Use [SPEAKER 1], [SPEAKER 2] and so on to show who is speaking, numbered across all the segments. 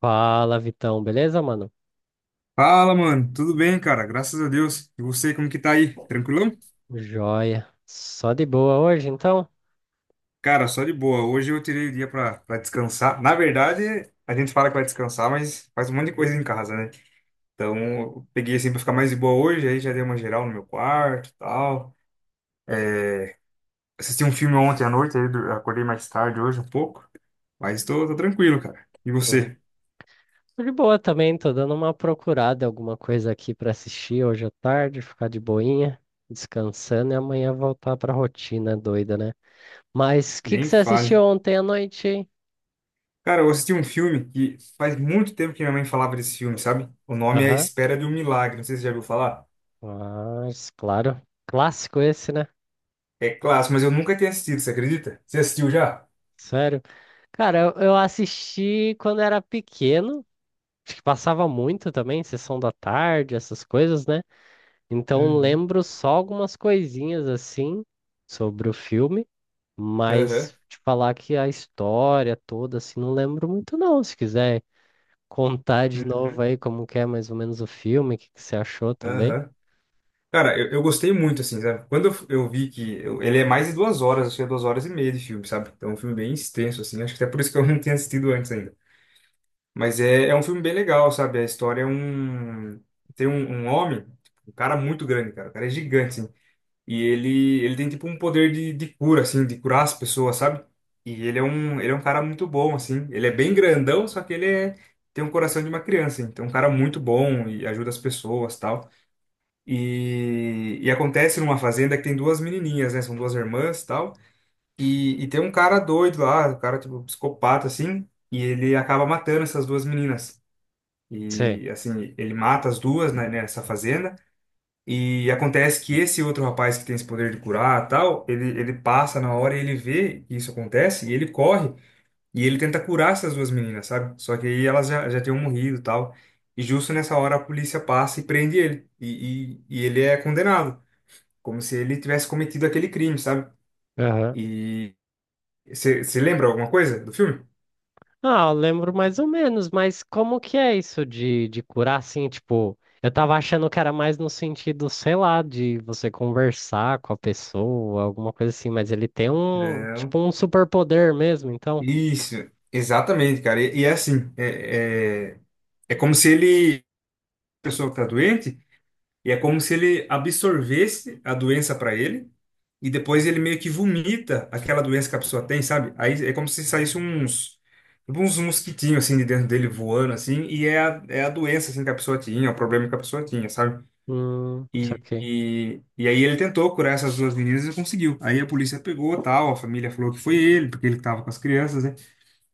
[SPEAKER 1] Fala, Vitão, beleza, mano?
[SPEAKER 2] Fala, mano. Tudo bem, cara? Graças a Deus. E você, como que tá aí? Tranquilão?
[SPEAKER 1] Joia. Só de boa hoje, então?
[SPEAKER 2] Cara, só de boa. Hoje eu tirei o dia pra descansar. Na verdade, a gente fala que vai descansar, mas faz um monte de coisa em casa, né? Então, eu peguei assim pra ficar mais de boa hoje, aí já dei uma geral no meu quarto e tal. É, Assisti um filme ontem à noite, aí acordei mais tarde hoje um pouco. Mas tô tranquilo, cara. E
[SPEAKER 1] Uhum.
[SPEAKER 2] você?
[SPEAKER 1] Tô de boa também, tô dando uma procurada, alguma coisa aqui pra assistir hoje à tarde, ficar de boinha, descansando e amanhã voltar pra rotina doida, né? Mas o que que
[SPEAKER 2] Nem
[SPEAKER 1] você assistiu
[SPEAKER 2] fale.
[SPEAKER 1] ontem à noite, hein?
[SPEAKER 2] Cara, eu assisti um filme que faz muito tempo que minha mãe falava desse filme, sabe? O nome é A
[SPEAKER 1] Aham.
[SPEAKER 2] Espera de um Milagre. Não sei se você já viu falar.
[SPEAKER 1] Mas, claro. Clássico esse, né?
[SPEAKER 2] É clássico, mas eu nunca tinha assistido, você acredita? Você assistiu já?
[SPEAKER 1] Sério. Cara, eu assisti quando era pequeno, acho que passava muito também, sessão da tarde, essas coisas, né? Então
[SPEAKER 2] Uhum.
[SPEAKER 1] lembro só algumas coisinhas assim sobre o filme,
[SPEAKER 2] Aham.
[SPEAKER 1] mas te falar que a história toda assim não lembro muito não. Se quiser contar de novo
[SPEAKER 2] Uhum.
[SPEAKER 1] aí como que é mais ou menos o filme, o que que você achou também?
[SPEAKER 2] Aham. Cara, eu gostei muito, assim, sabe? Quando eu vi que ele é mais de 2 horas, acho que é 2 horas e meia de filme, sabe? Então é um filme bem extenso, assim. Acho que até por isso que eu não tinha assistido antes ainda. Mas é um filme bem legal, sabe? A história é um. Tem um homem, um cara muito grande, cara. O cara é gigante, assim. E ele tem tipo um poder de cura, assim, de curar as pessoas, sabe? E ele é um cara muito bom, assim. Ele é bem grandão, só que ele é, tem um coração de uma criança, hein? Então é um cara muito bom e ajuda as pessoas, tal. E acontece numa fazenda que tem duas menininhas, né? São duas irmãs, tal. E tem um cara doido lá, um cara tipo psicopata, assim. E ele acaba matando essas duas meninas.
[SPEAKER 1] Sei.
[SPEAKER 2] E assim, ele mata as duas, né, nessa fazenda. E acontece que esse outro rapaz que tem esse poder de curar, tal, ele passa na hora e ele vê que isso acontece e ele corre e ele tenta curar essas duas meninas, sabe? Só que aí elas já tinham morrido, tal. E justo nessa hora a polícia passa e prende ele. E ele é condenado, como se ele tivesse cometido aquele crime, sabe?
[SPEAKER 1] Aham.
[SPEAKER 2] E você lembra alguma coisa do filme?
[SPEAKER 1] Ah, eu lembro mais ou menos, mas como que é isso de curar assim, tipo, eu tava achando que era mais no sentido, sei lá, de você conversar com a pessoa, alguma coisa assim, mas ele tem um, tipo,
[SPEAKER 2] Não.
[SPEAKER 1] um superpoder mesmo, então.
[SPEAKER 2] Isso, exatamente, cara. E é assim, é como se ele, a pessoa que tá doente. E é como se ele absorvesse a doença para ele e depois ele meio que vomita aquela doença que a pessoa tem, sabe? Aí é como se saísse uns tipo uns mosquitinhos assim de dentro dele voando assim e é a, doença assim que a pessoa tinha, o problema que a pessoa tinha, sabe? E,
[SPEAKER 1] Saquei.
[SPEAKER 2] e, e aí ele tentou curar essas duas meninas e conseguiu. Aí a polícia pegou, tal, a família falou que foi ele, porque ele estava com as crianças, né?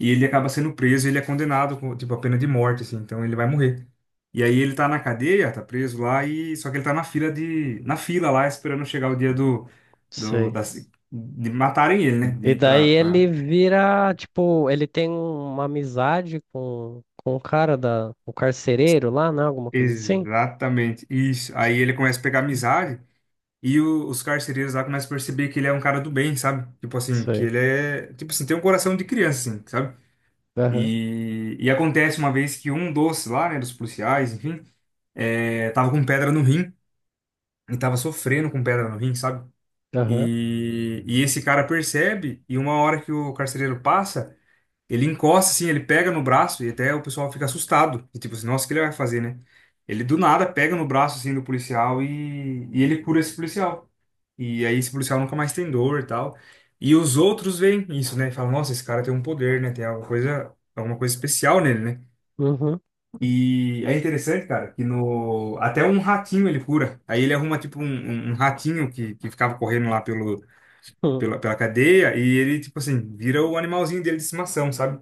[SPEAKER 2] E ele acaba sendo preso, ele é condenado com, tipo, a pena de morte, assim, então ele vai morrer. E aí ele tá na cadeia, tá preso lá, e só que ele tá na na fila lá, esperando chegar o dia do
[SPEAKER 1] Sei.
[SPEAKER 2] da, de matarem ele, né? De
[SPEAKER 1] E
[SPEAKER 2] ir
[SPEAKER 1] daí
[SPEAKER 2] pra,
[SPEAKER 1] ele
[SPEAKER 2] pra...
[SPEAKER 1] vira, tipo, ele tem uma amizade com o cara da, o carcereiro lá, né? Alguma coisa assim?
[SPEAKER 2] Exatamente, isso. Aí ele começa a pegar amizade, e os carcereiros lá começam a perceber que ele é um cara do bem, sabe? Tipo assim, que
[SPEAKER 1] Sei.
[SPEAKER 2] ele é, tipo assim, tem um coração de criança, assim, sabe?
[SPEAKER 1] Aham,
[SPEAKER 2] E acontece uma vez que um dos lá, né, dos policiais, enfim, é, tava com pedra no rim, e tava sofrendo com pedra no rim, sabe?
[SPEAKER 1] aham,
[SPEAKER 2] E esse cara percebe, e uma hora que o carcereiro passa, ele encosta assim, ele pega no braço, e até o pessoal fica assustado. E tipo assim, nossa, o que ele vai fazer, né? Ele do nada pega no braço assim do policial e ele cura esse policial. E aí esse policial nunca mais tem dor e tal. E os outros veem isso, né? E falam, nossa, esse cara tem um poder, né? Tem alguma coisa especial nele, né?
[SPEAKER 1] uhum,
[SPEAKER 2] E é interessante, cara, que no até um ratinho ele cura. Aí ele arruma tipo um ratinho que ficava correndo lá pelo,
[SPEAKER 1] hum.
[SPEAKER 2] pela, pela cadeia e ele tipo assim, vira o animalzinho dele de estimação, sabe?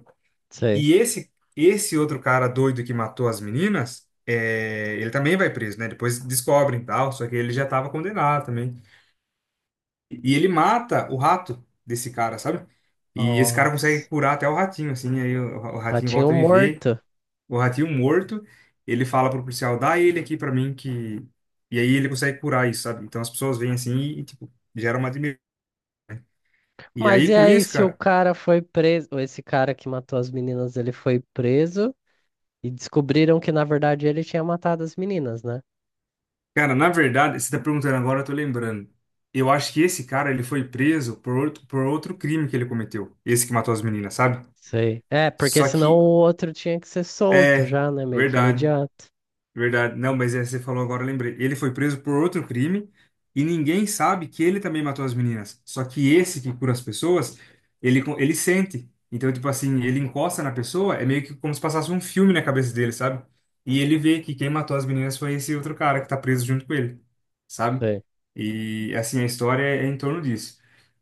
[SPEAKER 1] Sei.
[SPEAKER 2] E esse outro cara doido que matou as meninas, é, ele também vai preso, né? Depois descobrem e tal, só que ele já estava condenado também. E ele mata o rato desse cara, sabe? E esse cara consegue
[SPEAKER 1] Nossa.
[SPEAKER 2] curar até o ratinho, assim, aí o ratinho
[SPEAKER 1] Ratinho
[SPEAKER 2] volta a viver
[SPEAKER 1] morto.
[SPEAKER 2] o ratinho morto, ele fala pro policial, dá ele aqui pra mim que... E aí ele consegue curar isso, sabe? Então as pessoas vêm assim e, tipo, gera uma admiração. E
[SPEAKER 1] Mas
[SPEAKER 2] aí
[SPEAKER 1] e
[SPEAKER 2] com
[SPEAKER 1] aí,
[SPEAKER 2] isso,
[SPEAKER 1] se o
[SPEAKER 2] cara...
[SPEAKER 1] cara foi preso, ou esse cara que matou as meninas, ele foi preso e descobriram que, na verdade, ele tinha matado as meninas, né?
[SPEAKER 2] Cara, na verdade, você tá perguntando agora, eu tô lembrando. Eu acho que esse cara, ele foi preso por outro crime que ele cometeu. Esse que matou as meninas, sabe?
[SPEAKER 1] Sei. É, porque
[SPEAKER 2] Só
[SPEAKER 1] senão
[SPEAKER 2] que,
[SPEAKER 1] o outro tinha que ser solto
[SPEAKER 2] é,
[SPEAKER 1] já, né? Meio que
[SPEAKER 2] verdade.
[SPEAKER 1] imediato.
[SPEAKER 2] Verdade. Não, mas é, você falou agora, eu lembrei. Ele foi preso por outro crime e ninguém sabe que ele também matou as meninas. Só que esse que cura as pessoas, ele sente. Então, tipo assim, ele encosta na pessoa, é meio que como se passasse um filme na cabeça dele, sabe? E ele vê que quem matou as meninas foi esse outro cara que tá preso junto com ele, sabe? E assim, a história é em torno disso.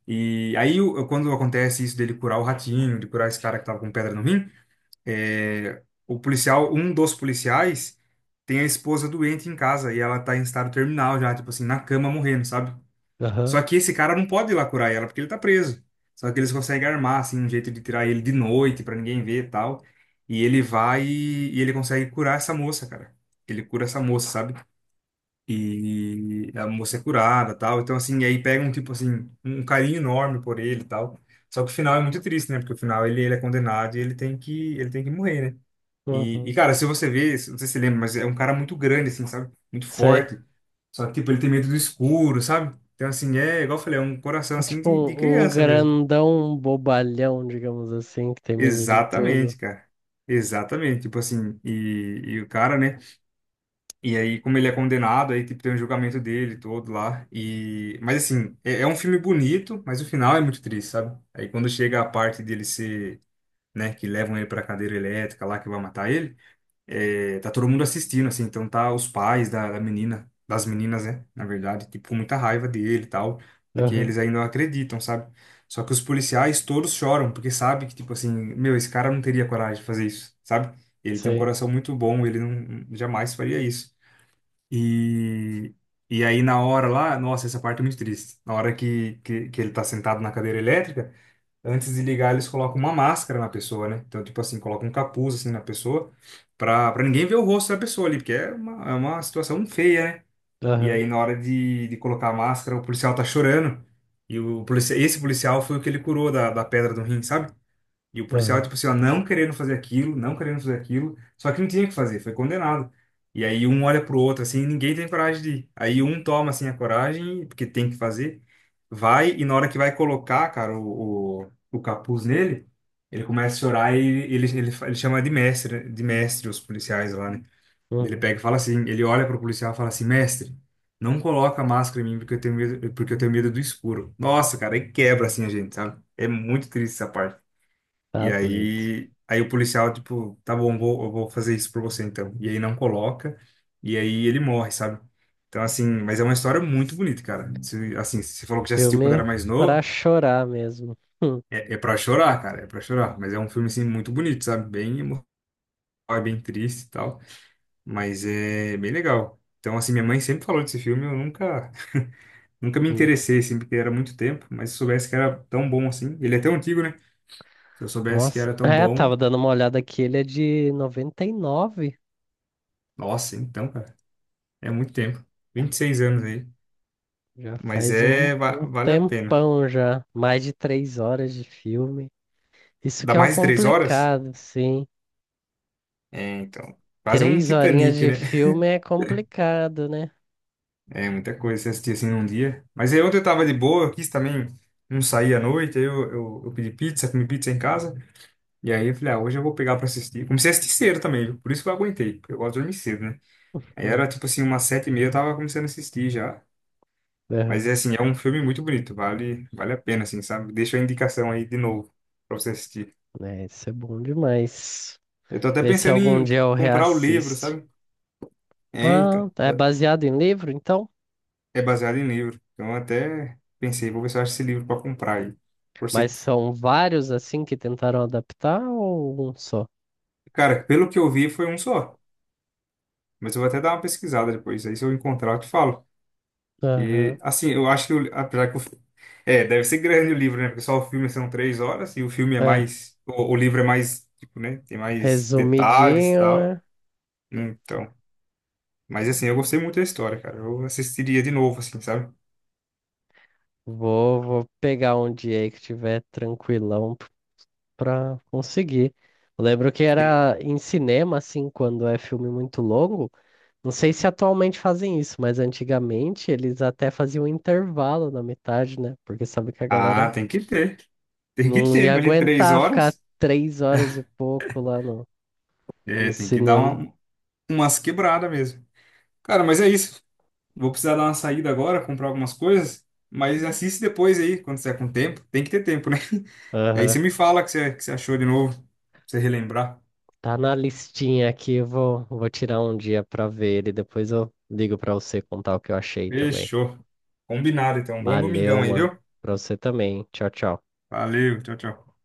[SPEAKER 2] E aí, quando acontece isso dele curar o ratinho, de curar esse cara que tava com pedra no rim. O policial, um dos policiais, tem a esposa doente em casa e ela tá em estado terminal já, tipo assim, na cama morrendo, sabe?
[SPEAKER 1] Aham,
[SPEAKER 2] Só que esse cara não pode ir lá curar ela porque ele tá preso. Só que eles conseguem armar, assim, um jeito de tirar ele de noite pra ninguém ver e tal. E ele vai e ele consegue curar essa moça, cara. Ele cura essa moça, sabe? E a moça é curada, tal. Então, assim, aí pega um tipo assim, um carinho enorme por ele, e tal. Só que o final é muito triste, né? Porque o final ele é condenado e ele tem que morrer, né? E,
[SPEAKER 1] uhum.
[SPEAKER 2] e, cara, se você vê, não sei se você lembra, mas é um cara muito grande, assim, sabe? Muito
[SPEAKER 1] Sei.
[SPEAKER 2] forte. Só que, tipo, ele tem medo do escuro, sabe? Então, assim, é, igual eu falei, é um coração,
[SPEAKER 1] É
[SPEAKER 2] assim,
[SPEAKER 1] tipo
[SPEAKER 2] de
[SPEAKER 1] um, um
[SPEAKER 2] criança mesmo.
[SPEAKER 1] grandão bobalhão, digamos assim, que tem medo de tudo.
[SPEAKER 2] Exatamente, cara. Exatamente. Tipo assim, e o cara, né? E aí, como ele é condenado, aí, tipo, tem o julgamento dele todo lá. E... Mas, assim, é um filme bonito, mas o final é muito triste, sabe? Aí, quando chega a parte dele ser, né, que levam ele pra cadeira elétrica lá, que vai matar ele. É, tá todo mundo assistindo, assim, então tá os pais da menina, das meninas, né, na verdade, tipo, com muita raiva dele e tal, porque
[SPEAKER 1] Aham,
[SPEAKER 2] eles ainda acreditam, sabe? Só que os policiais todos choram, porque sabe que, tipo assim, meu, esse cara não teria coragem de fazer isso, sabe? Ele tem um
[SPEAKER 1] sei.
[SPEAKER 2] coração muito bom, ele não jamais faria isso. E, e aí na hora lá, nossa, essa parte é muito triste. Na hora que ele tá sentado na cadeira elétrica, antes de ligar, eles colocam uma máscara na pessoa, né? Então, tipo assim, colocam um capuz assim na pessoa pra ninguém ver o rosto da pessoa ali, porque é uma situação feia, né? E
[SPEAKER 1] Aham,
[SPEAKER 2] aí, na hora de colocar a máscara, o policial tá chorando. E esse policial foi o que ele curou da pedra do rim, sabe? E o policial,
[SPEAKER 1] aham,
[SPEAKER 2] tipo assim, ó, não querendo fazer aquilo, não querendo fazer aquilo, só que não tinha o que fazer, foi condenado. E aí um olha pro outro, assim, e ninguém tem coragem de ir. Aí um toma, assim, a coragem, porque tem que fazer, vai, e na hora que vai colocar, cara, o capuz nele, ele começa a chorar e ele chama de mestre, né? De mestre os policiais lá, né? Ele
[SPEAKER 1] uhum.
[SPEAKER 2] pega e fala assim, ele olha pro policial e fala assim, mestre, não coloca a máscara em mim porque eu tenho medo, porque eu tenho medo do escuro. Nossa, cara, aí quebra, assim, a gente, sabe? É muito triste essa parte.
[SPEAKER 1] Tá
[SPEAKER 2] E
[SPEAKER 1] doido.
[SPEAKER 2] aí, aí o policial, tipo, tá bom, eu vou fazer isso por você então. E aí não coloca, e aí ele morre, sabe? Então, assim, mas é uma história muito bonita, cara. Se, assim, você falou que já assistiu quando
[SPEAKER 1] Filme
[SPEAKER 2] era mais
[SPEAKER 1] pra
[SPEAKER 2] novo,
[SPEAKER 1] chorar mesmo.
[SPEAKER 2] é pra chorar, cara, é pra chorar. Mas é um filme, assim, muito bonito, sabe? Bem emocional, é bem triste e tal, mas é bem legal. Então, assim, minha mãe sempre falou desse filme, eu nunca, nunca me
[SPEAKER 1] Hum.
[SPEAKER 2] interessei, assim, porque era muito tempo, mas se eu soubesse que era tão bom assim, ele é tão antigo, né? Se eu soubesse que
[SPEAKER 1] Nossa.
[SPEAKER 2] era tão
[SPEAKER 1] É,
[SPEAKER 2] bom,
[SPEAKER 1] tava dando uma olhada aqui, ele é de 99.
[SPEAKER 2] nossa, então, cara. É muito tempo. 26 anos aí.
[SPEAKER 1] Já
[SPEAKER 2] Mas
[SPEAKER 1] faz um, um
[SPEAKER 2] vale a pena.
[SPEAKER 1] tempão já. Mais de 3 horas de filme. Isso
[SPEAKER 2] Dá
[SPEAKER 1] que é o
[SPEAKER 2] mais de 3 horas?
[SPEAKER 1] complicado, sim.
[SPEAKER 2] É, então. Quase um
[SPEAKER 1] 3 horinhas
[SPEAKER 2] Titanic,
[SPEAKER 1] de
[SPEAKER 2] né?
[SPEAKER 1] filme é complicado, né?
[SPEAKER 2] É muita coisa você assistir assim num dia. Mas aí ontem eu tava de boa, eu quis também não sair à noite. Aí eu pedi pizza, comi pizza em casa. E aí eu falei, ah, hoje eu vou pegar pra assistir. Comecei a assistir cedo também, viu? Por isso que eu aguentei, porque eu gosto de dormir cedo, né? Aí
[SPEAKER 1] Hum.
[SPEAKER 2] era tipo assim, umas 7h30 eu tava começando a assistir já. Mas
[SPEAKER 1] Aham.
[SPEAKER 2] é assim, é um filme muito bonito, vale a pena, assim, sabe? Deixa a indicação aí de novo pra você assistir.
[SPEAKER 1] É, isso é bom demais.
[SPEAKER 2] Eu tô até
[SPEAKER 1] Vê se
[SPEAKER 2] pensando
[SPEAKER 1] algum
[SPEAKER 2] em
[SPEAKER 1] dia eu
[SPEAKER 2] comprar o livro,
[SPEAKER 1] reassisto.
[SPEAKER 2] sabe? É,
[SPEAKER 1] Ah,
[SPEAKER 2] então.
[SPEAKER 1] tá. É baseado em livro, então?
[SPEAKER 2] É baseado em livro. Então até pensei, vou ver se eu acho esse livro para comprar aí. Por
[SPEAKER 1] Mas
[SPEAKER 2] se...
[SPEAKER 1] são vários assim que tentaram adaptar ou um só?
[SPEAKER 2] Cara, pelo que eu vi foi um só. Mas eu vou até dar uma pesquisada depois. Aí se eu encontrar, eu te falo. E
[SPEAKER 1] Aham.
[SPEAKER 2] assim, eu acho que o... apesar que o... é, deve ser grande o livro, né? Porque só o filme são 3 horas e o filme é
[SPEAKER 1] É,
[SPEAKER 2] mais. O livro é mais, tipo, né? Tem mais detalhes e
[SPEAKER 1] resumidinho,
[SPEAKER 2] tal.
[SPEAKER 1] né?
[SPEAKER 2] Então. Mas assim, eu gostei muito da história, cara. Eu assistiria de novo, assim, sabe?
[SPEAKER 1] Vou pegar um dia aí que tiver tranquilão p- pra conseguir. Eu lembro que
[SPEAKER 2] Sim.
[SPEAKER 1] era em cinema, assim, quando é filme muito longo. Não sei se atualmente fazem isso, mas antigamente eles até faziam intervalo na metade, né? Porque sabe que a galera
[SPEAKER 2] Ah, tem que ter. Tem que
[SPEAKER 1] não
[SPEAKER 2] ter,
[SPEAKER 1] ia
[SPEAKER 2] imagina três
[SPEAKER 1] aguentar ficar
[SPEAKER 2] horas.
[SPEAKER 1] 3 horas e pouco lá no,
[SPEAKER 2] É,
[SPEAKER 1] no
[SPEAKER 2] tem que dar
[SPEAKER 1] cinema.
[SPEAKER 2] umas quebradas mesmo. Cara, mas é isso. Vou precisar dar uma saída agora, comprar algumas coisas. Mas assiste depois aí, quando você tiver com tempo. Tem que ter tempo, né? Aí você
[SPEAKER 1] Aham.
[SPEAKER 2] me fala o que você achou de novo. Pra você relembrar.
[SPEAKER 1] Tá na listinha aqui, eu vou tirar um dia pra ver ele. Depois eu ligo pra você contar o que eu achei também.
[SPEAKER 2] Fechou. Combinado, então. Bom domingão
[SPEAKER 1] Valeu,
[SPEAKER 2] aí,
[SPEAKER 1] mano.
[SPEAKER 2] viu?
[SPEAKER 1] Pra você também. Tchau, tchau.
[SPEAKER 2] Valeu, tchau, tchau.